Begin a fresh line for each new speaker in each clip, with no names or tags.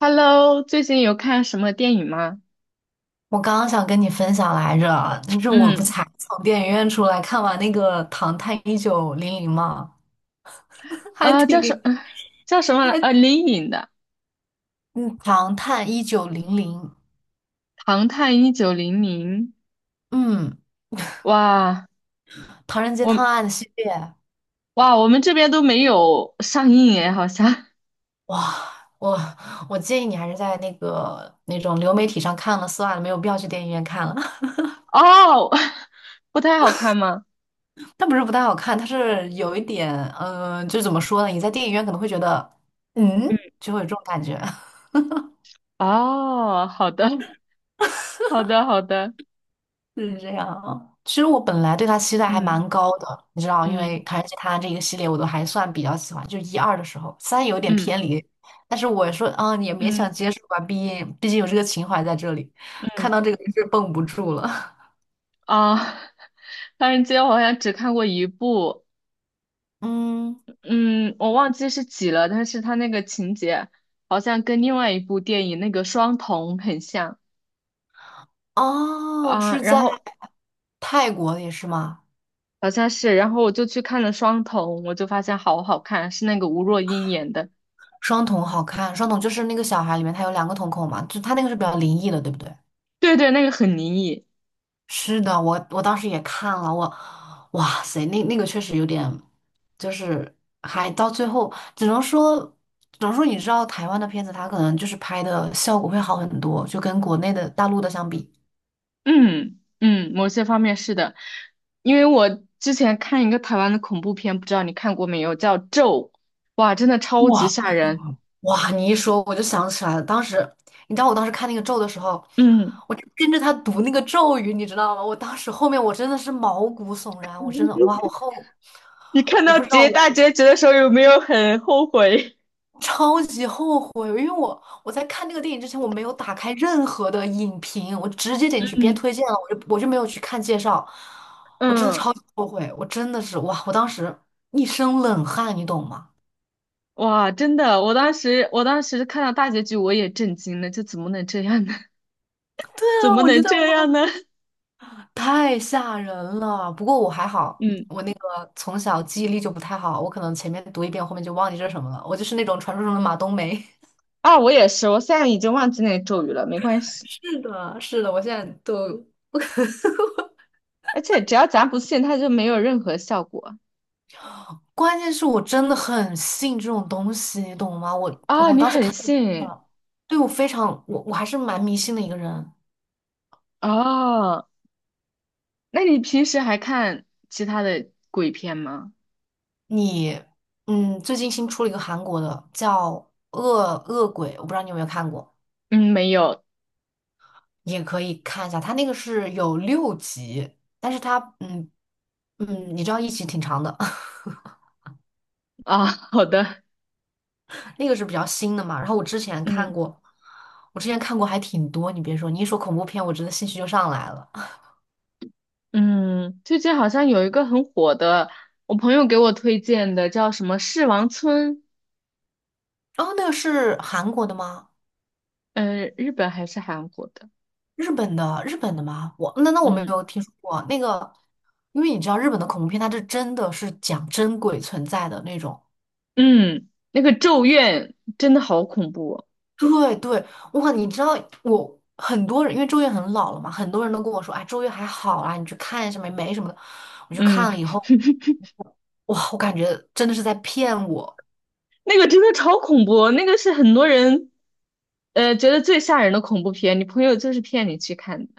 Hello，最近有看什么电影吗？
我刚刚想跟你分享来着，就是我不
嗯，
才从电影院出来看完那个《唐探一九零零》嘛，还
呃，叫什
挺，
呃 叫什么来，
还
灵隐的
嗯，《唐探一九零零》，
《唐探一九零零》。
嗯，
哇，
《唐人街
我
探案》系列，
我们这边都没有上映诶，好像。
哇，我我建议你还是在那个那种流媒体上看了算了，没有必要去电影院看了。
哦，不太好看吗？
它不是不太好看，它是有一点，就怎么说呢？你在电影院可能会觉得，
嗯，
就会有这种感觉。
哦，好的，好的，好的。
就是这样。啊，其实我本来对他期待还
嗯，
蛮高的，你知道，因为
嗯，
而且他这个系列我都还算比较喜欢，就一二的时候，三有点
嗯，
偏离，但是我说，啊也勉
嗯，
强接受吧，毕竟有这个情怀在这里，
嗯，
看到这个是绷不住了。
啊，唐人街我 好像只看过一部，
嗯，
嗯，我忘记是几了，但是它那个情节好像跟另外一部电影那个《双瞳》很像。
哦，
啊，
是
然
在
后
泰国里也是吗？
好像是，然后我就去看了《双瞳》，我就发现好好看，是那个吴若英演的。
双瞳好看，双瞳就是那个小孩里面他有两个瞳孔嘛，就他那个是比较灵异的，对不对？
对，对，那个很灵异。
是的，我当时也看了，哇塞，那个确实有点，就是还到最后，只能说，你知道台湾的片子，它可能就是拍的效果会好很多，就跟国内的大陆的相比。
嗯嗯，某些方面是的。因为我之前看一个台湾的恐怖片，不知道你看过没有，叫《咒》，哇，真的超级
哇，
吓人。
哇，你一说我就想起来了，当时你知道我当时看那个咒的时候，
嗯，
我就跟着他读那个咒语，你知道吗？我当时后面我真的是毛骨悚然，我真的 哇，
你看
我
到
不知道我。
大结局的时候有没有很后悔？
超级后悔，因为我在看那个电影之前，我没有打开任何的影评，我直接 点进去，别人
嗯，
推荐了，我就没有去看介绍，我真的
嗯。
超级后悔，我真的是哇，我当时一身冷汗，你懂吗？
哇，真的，我当时看到大结局，我也震惊了，这怎么能这样呢？
对
怎
啊，
么
我觉
能
得哇，
这样呢？
太吓人了。不过我还 好，
嗯，
我那个从小记忆力就不太好，我可能前面读一遍，后面就忘记这是什么了。我就是那种传说中的马冬梅。
啊，我也是，我现在已经忘记那个咒语了，没关系。
是的，是的，我现在都
而且只要咱不信，它就没有任何效果。
关键是我真的很信这种东西，你懂吗？我
啊，
我
你
当时
很
看
信
了，对我非常，我还是蛮迷信的一个人。
哦？那你平时还看其他的鬼片吗？
你，嗯，最近新出了一个韩国的叫《恶恶鬼》，我不知道你有没有看过，
嗯，没有。
也可以看一下。它那个是有6集，但是它，你知道一集挺长的，
啊，好的。
那个是比较新的嘛。然后我之前看
嗯
过，还挺多。你别说，你一说恐怖片，我真的兴趣就上来了。
嗯，最近好像有一个很火的，我朋友给我推荐的，叫什么《狮王村》，
哦，那个是韩国的吗？
嗯、日本还是韩国的？
日本的吗？那我没
嗯
有听说过那个，因为你知道日本的恐怖片，它是真的是讲真鬼存在的那种。
嗯，那个《咒怨》真的好恐怖哦。
对对，哇，你知道我很多人，因为周越很老了嘛，很多人都跟我说，哎，周越还好啦，你去看一下没什么的。我去
嗯，
看了以后，哇，我感觉真的是在骗我。
那个真的超恐怖哦，那个是很多人觉得最吓人的恐怖片，你朋友就是骗你去看的。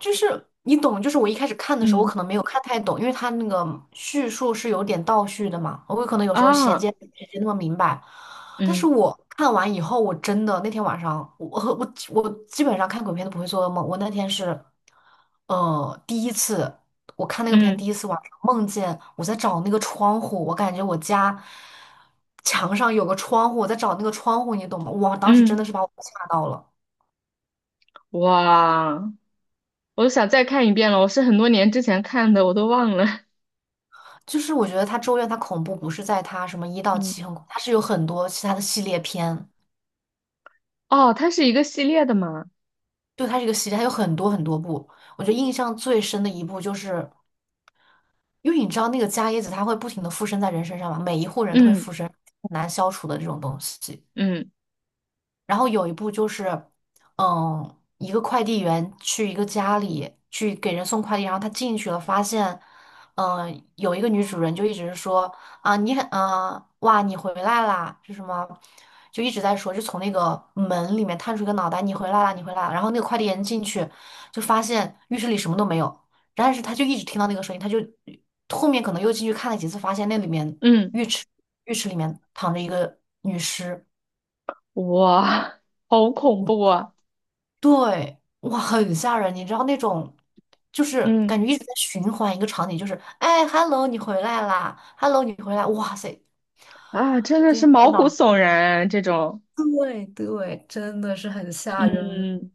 就是你懂，就是我一开始看的时候，我可
嗯，
能没有看太懂，因为它那个叙述是有点倒叙的嘛，我可能有时候衔
啊，
接衔接那么明白。但是
嗯，
我看完以后，我真的那天晚上，我基本上看鬼片都不会做噩梦。我那天是，第一次我看那个片，第
嗯，
一次晚上梦见我在找那个窗户，我感觉我家墙上有个窗户，我在找那个窗户，你懂吗？哇，当时真的
嗯，
是把我吓到了。
哇，我想再看一遍了，我是很多年之前看的，我都忘了。
就是我觉得它《咒怨》它恐怖不是在它什么一 到
嗯，
七很恐，它是有很多其他的系列片，
哦，它是一个系列的嘛。
就它这个系列，它有很多很多部。我觉得印象最深的一部就是，因为你知道那个伽椰子它会不停的附身在人身上嘛，每一户人都会
嗯，
附身，很难消除的这种东西。
嗯，
然后有一部就是，一个快递员去一个家里去给人送快递，然后他进去了，发现，有一个女主人就一直说啊，你很，嗯，哇，你回来啦，是什么？就一直在说，就从那个门里面探出一个脑袋，你回来啦，你回来啦。然后那个快递员进去，就发现浴室里什么都没有，但是他就一直听到那个声音，他就后面可能又进去看了几次，发现那里面
嗯，
浴室里面躺着一个女尸。
哇，好恐怖啊。
对，哇，很吓人，你知道那种，就是感
嗯，
觉一直在循环一个场景，就是哎，hello,你回来啦，hello,你回来，哇塞，
啊，真的
就是
是毛
天
骨
呐，
悚然啊这种。
对对，真的是很吓人。
嗯，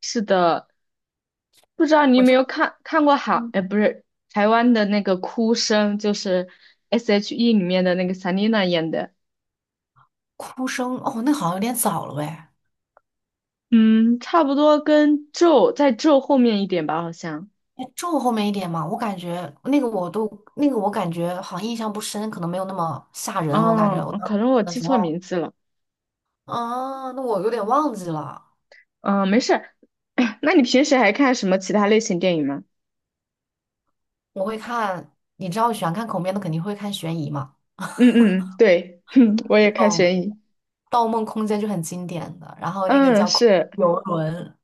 是的，不知道你
我
有没
这
有看过韩，
嗯
哎，不是台湾的那个哭声，就是 S.H.E 里面的那个 Selina 演的，
哭声，哦，那好像有点早了喂，哎，
嗯，差不多跟咒后面一点吧，好像。
就后面一点嘛，我感觉那个我都那个我感觉好像印象不深，可能没有那么吓人，我感觉
哦，
我当时
可能我
看的
记
时
错
候，
名字了。
啊，那我有点忘记了，
嗯，没事儿。 那你平时还看什么其他类型电影吗？
我会看，你知道我喜欢看恐怖片的，肯定会看悬疑嘛，
嗯嗯，对，我也
那
看
种。
悬疑。
《盗梦空间》就很经典的，然后那个
嗯，
叫
是，
游轮，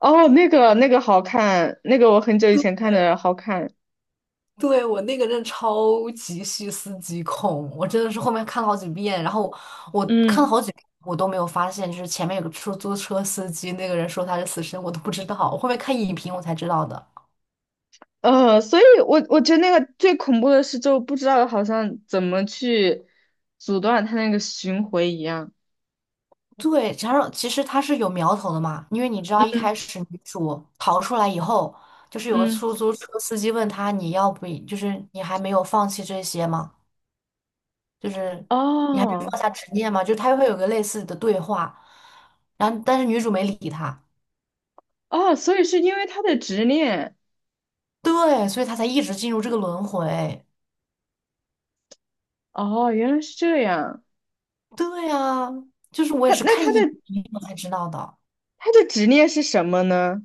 哦，那个好看，那个我很久以前看的好看。
对我那个真的超级细思极恐，我真的是后面看了好几遍，然后我看了
嗯。
好几遍，我都没有发现，就是前面有个出租车司机，那个人说他是死神，我都不知道，我后面看影评我才知道的。
所以我觉得那个最恐怖的是，就不知道好像怎么去阻断他那个巡回一样。
对，加上其实它是有苗头的嘛，因为你知道一开
嗯
始女主逃出来以后，就是有个
嗯，
出租车司机问他你要不就是你还没有放弃这些吗？就是你还没有
哦
放下执念嘛，就是他会有个类似的对话，然后但是女主没理他，
哦，所以是因为他的执念。
对，所以他才一直进入这个轮回。
哦，原来是这样。
对啊，就是我也
他
是
那
看
他
影
的
评我才知道的，
他的执念是什么呢？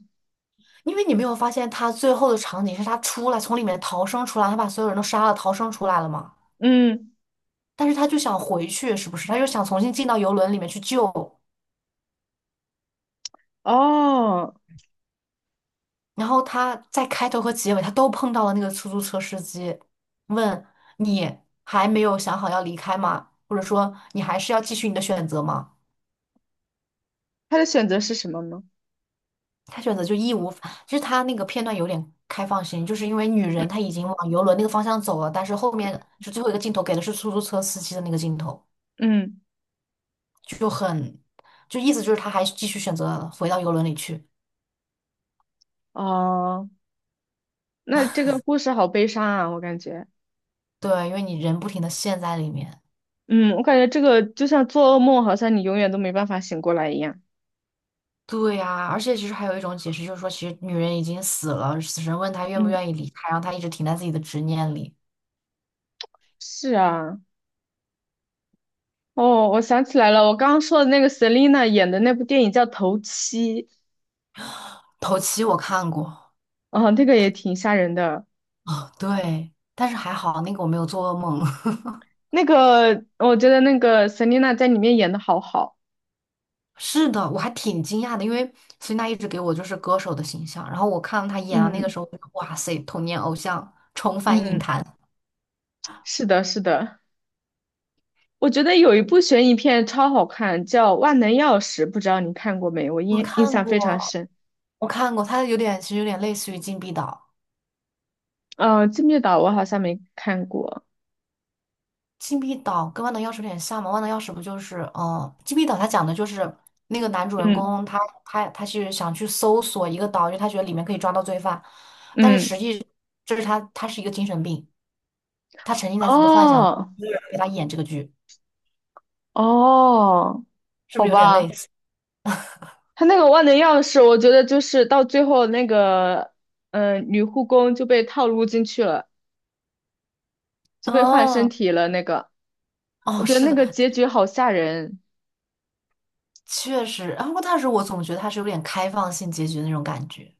因为你没有发现他最后的场景是他出来从里面逃生出来，他把所有人都杀了，逃生出来了嘛，
嗯，
但是他就想回去，是不是？他又想重新进到游轮里面去救。
哦，
然后他在开头和结尾，他都碰到了那个出租车司机，问你还没有想好要离开吗？或者说你还是要继续你的选择吗？
他的选择是什么吗？
他选择就义无反，就是他那个片段有点开放性，就是因为女人她已经往游轮那个方向走了，但是后面就最后一个镜头给的是出租车司机的那个镜头，
嗯，
就很，就意思就是他还继续选择回到游轮里去，
哦，那这个故事好悲伤啊，我感觉。
对，因为你人不停的陷在里面。
嗯，我感觉这个就像做噩梦，好像你永远都没办法醒过来一样。
对呀，而且其实还有一种解释，就是说，其实女人已经死了，死神问她愿不
嗯，
愿意离开，让她一直停在自己的执念里。
是啊。哦，我想起来了，我刚刚说的那个 Selina 演的那部电影叫《头七》。
头七我看过，
啊、那个也挺吓人的。
对，但是还好那个我没有做噩梦。
那个我觉得那个 Selina 在里面演的好好。
是的，我还挺惊讶的，因为孙娜一直给我就是歌手的形象，然后我看到她演的那个时
嗯
候，我就哇塞，童年偶像重返影
嗯，
坛。
是的，是的。我觉得有一部悬疑片超好看，叫《万能钥匙》，不知道你看过没？我
我
印
看
象非常
过，
深。
我看过，她有点其实有点类似于《禁闭岛》。
《金密岛》我好像没看过。
禁闭岛跟万能钥匙有点像吗？万能钥匙不就是，禁闭岛它讲的就是那个男主人
嗯
公他是想去搜索一个岛，因为他觉得里面可以抓到罪犯，但是
嗯，
实际这是他是一个精神病，他沉浸在自己的幻想，
哦
给他演这个剧，
哦，
是不
好
是有点类
吧。
似？
他那个万能钥匙，我觉得就是到最后那个，嗯、女护工就被套路进去了，就被换身
哦，
体了。那个，我
哦，
觉得
是
那个
的，
结局好吓人。
确实。然后，但是我总觉得他是有点开放性结局的那种感觉，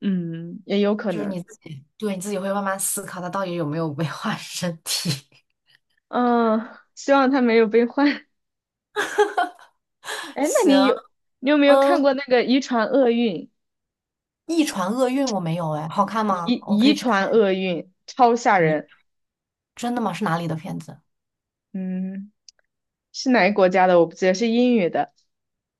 嗯，也有可
就是
能。
你自己，对，你自己会慢慢思考它到底有没有危害身体。
嗯、希望他没有被换。哎，那
行，
你有没有看
嗯。
过那个《遗传厄运》？
《一船厄运》我没有哎，好看吗？我可
遗
以去看。
传厄运超吓
你
人。
真的吗？是哪里的片子？
嗯，是哪个国家的？我不记得，是英语的。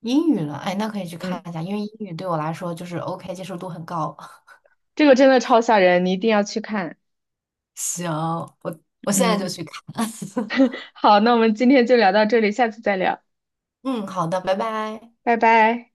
英语了，哎，那可以去看
嗯，
一下，因为英语对我来说就是 OK,接受度很高。
这个真的超吓人，你一定要去看。
行，我现在就
嗯，
去看。
好，那我们今天就聊到这里，下次再聊。
嗯，好的，拜拜。
拜拜。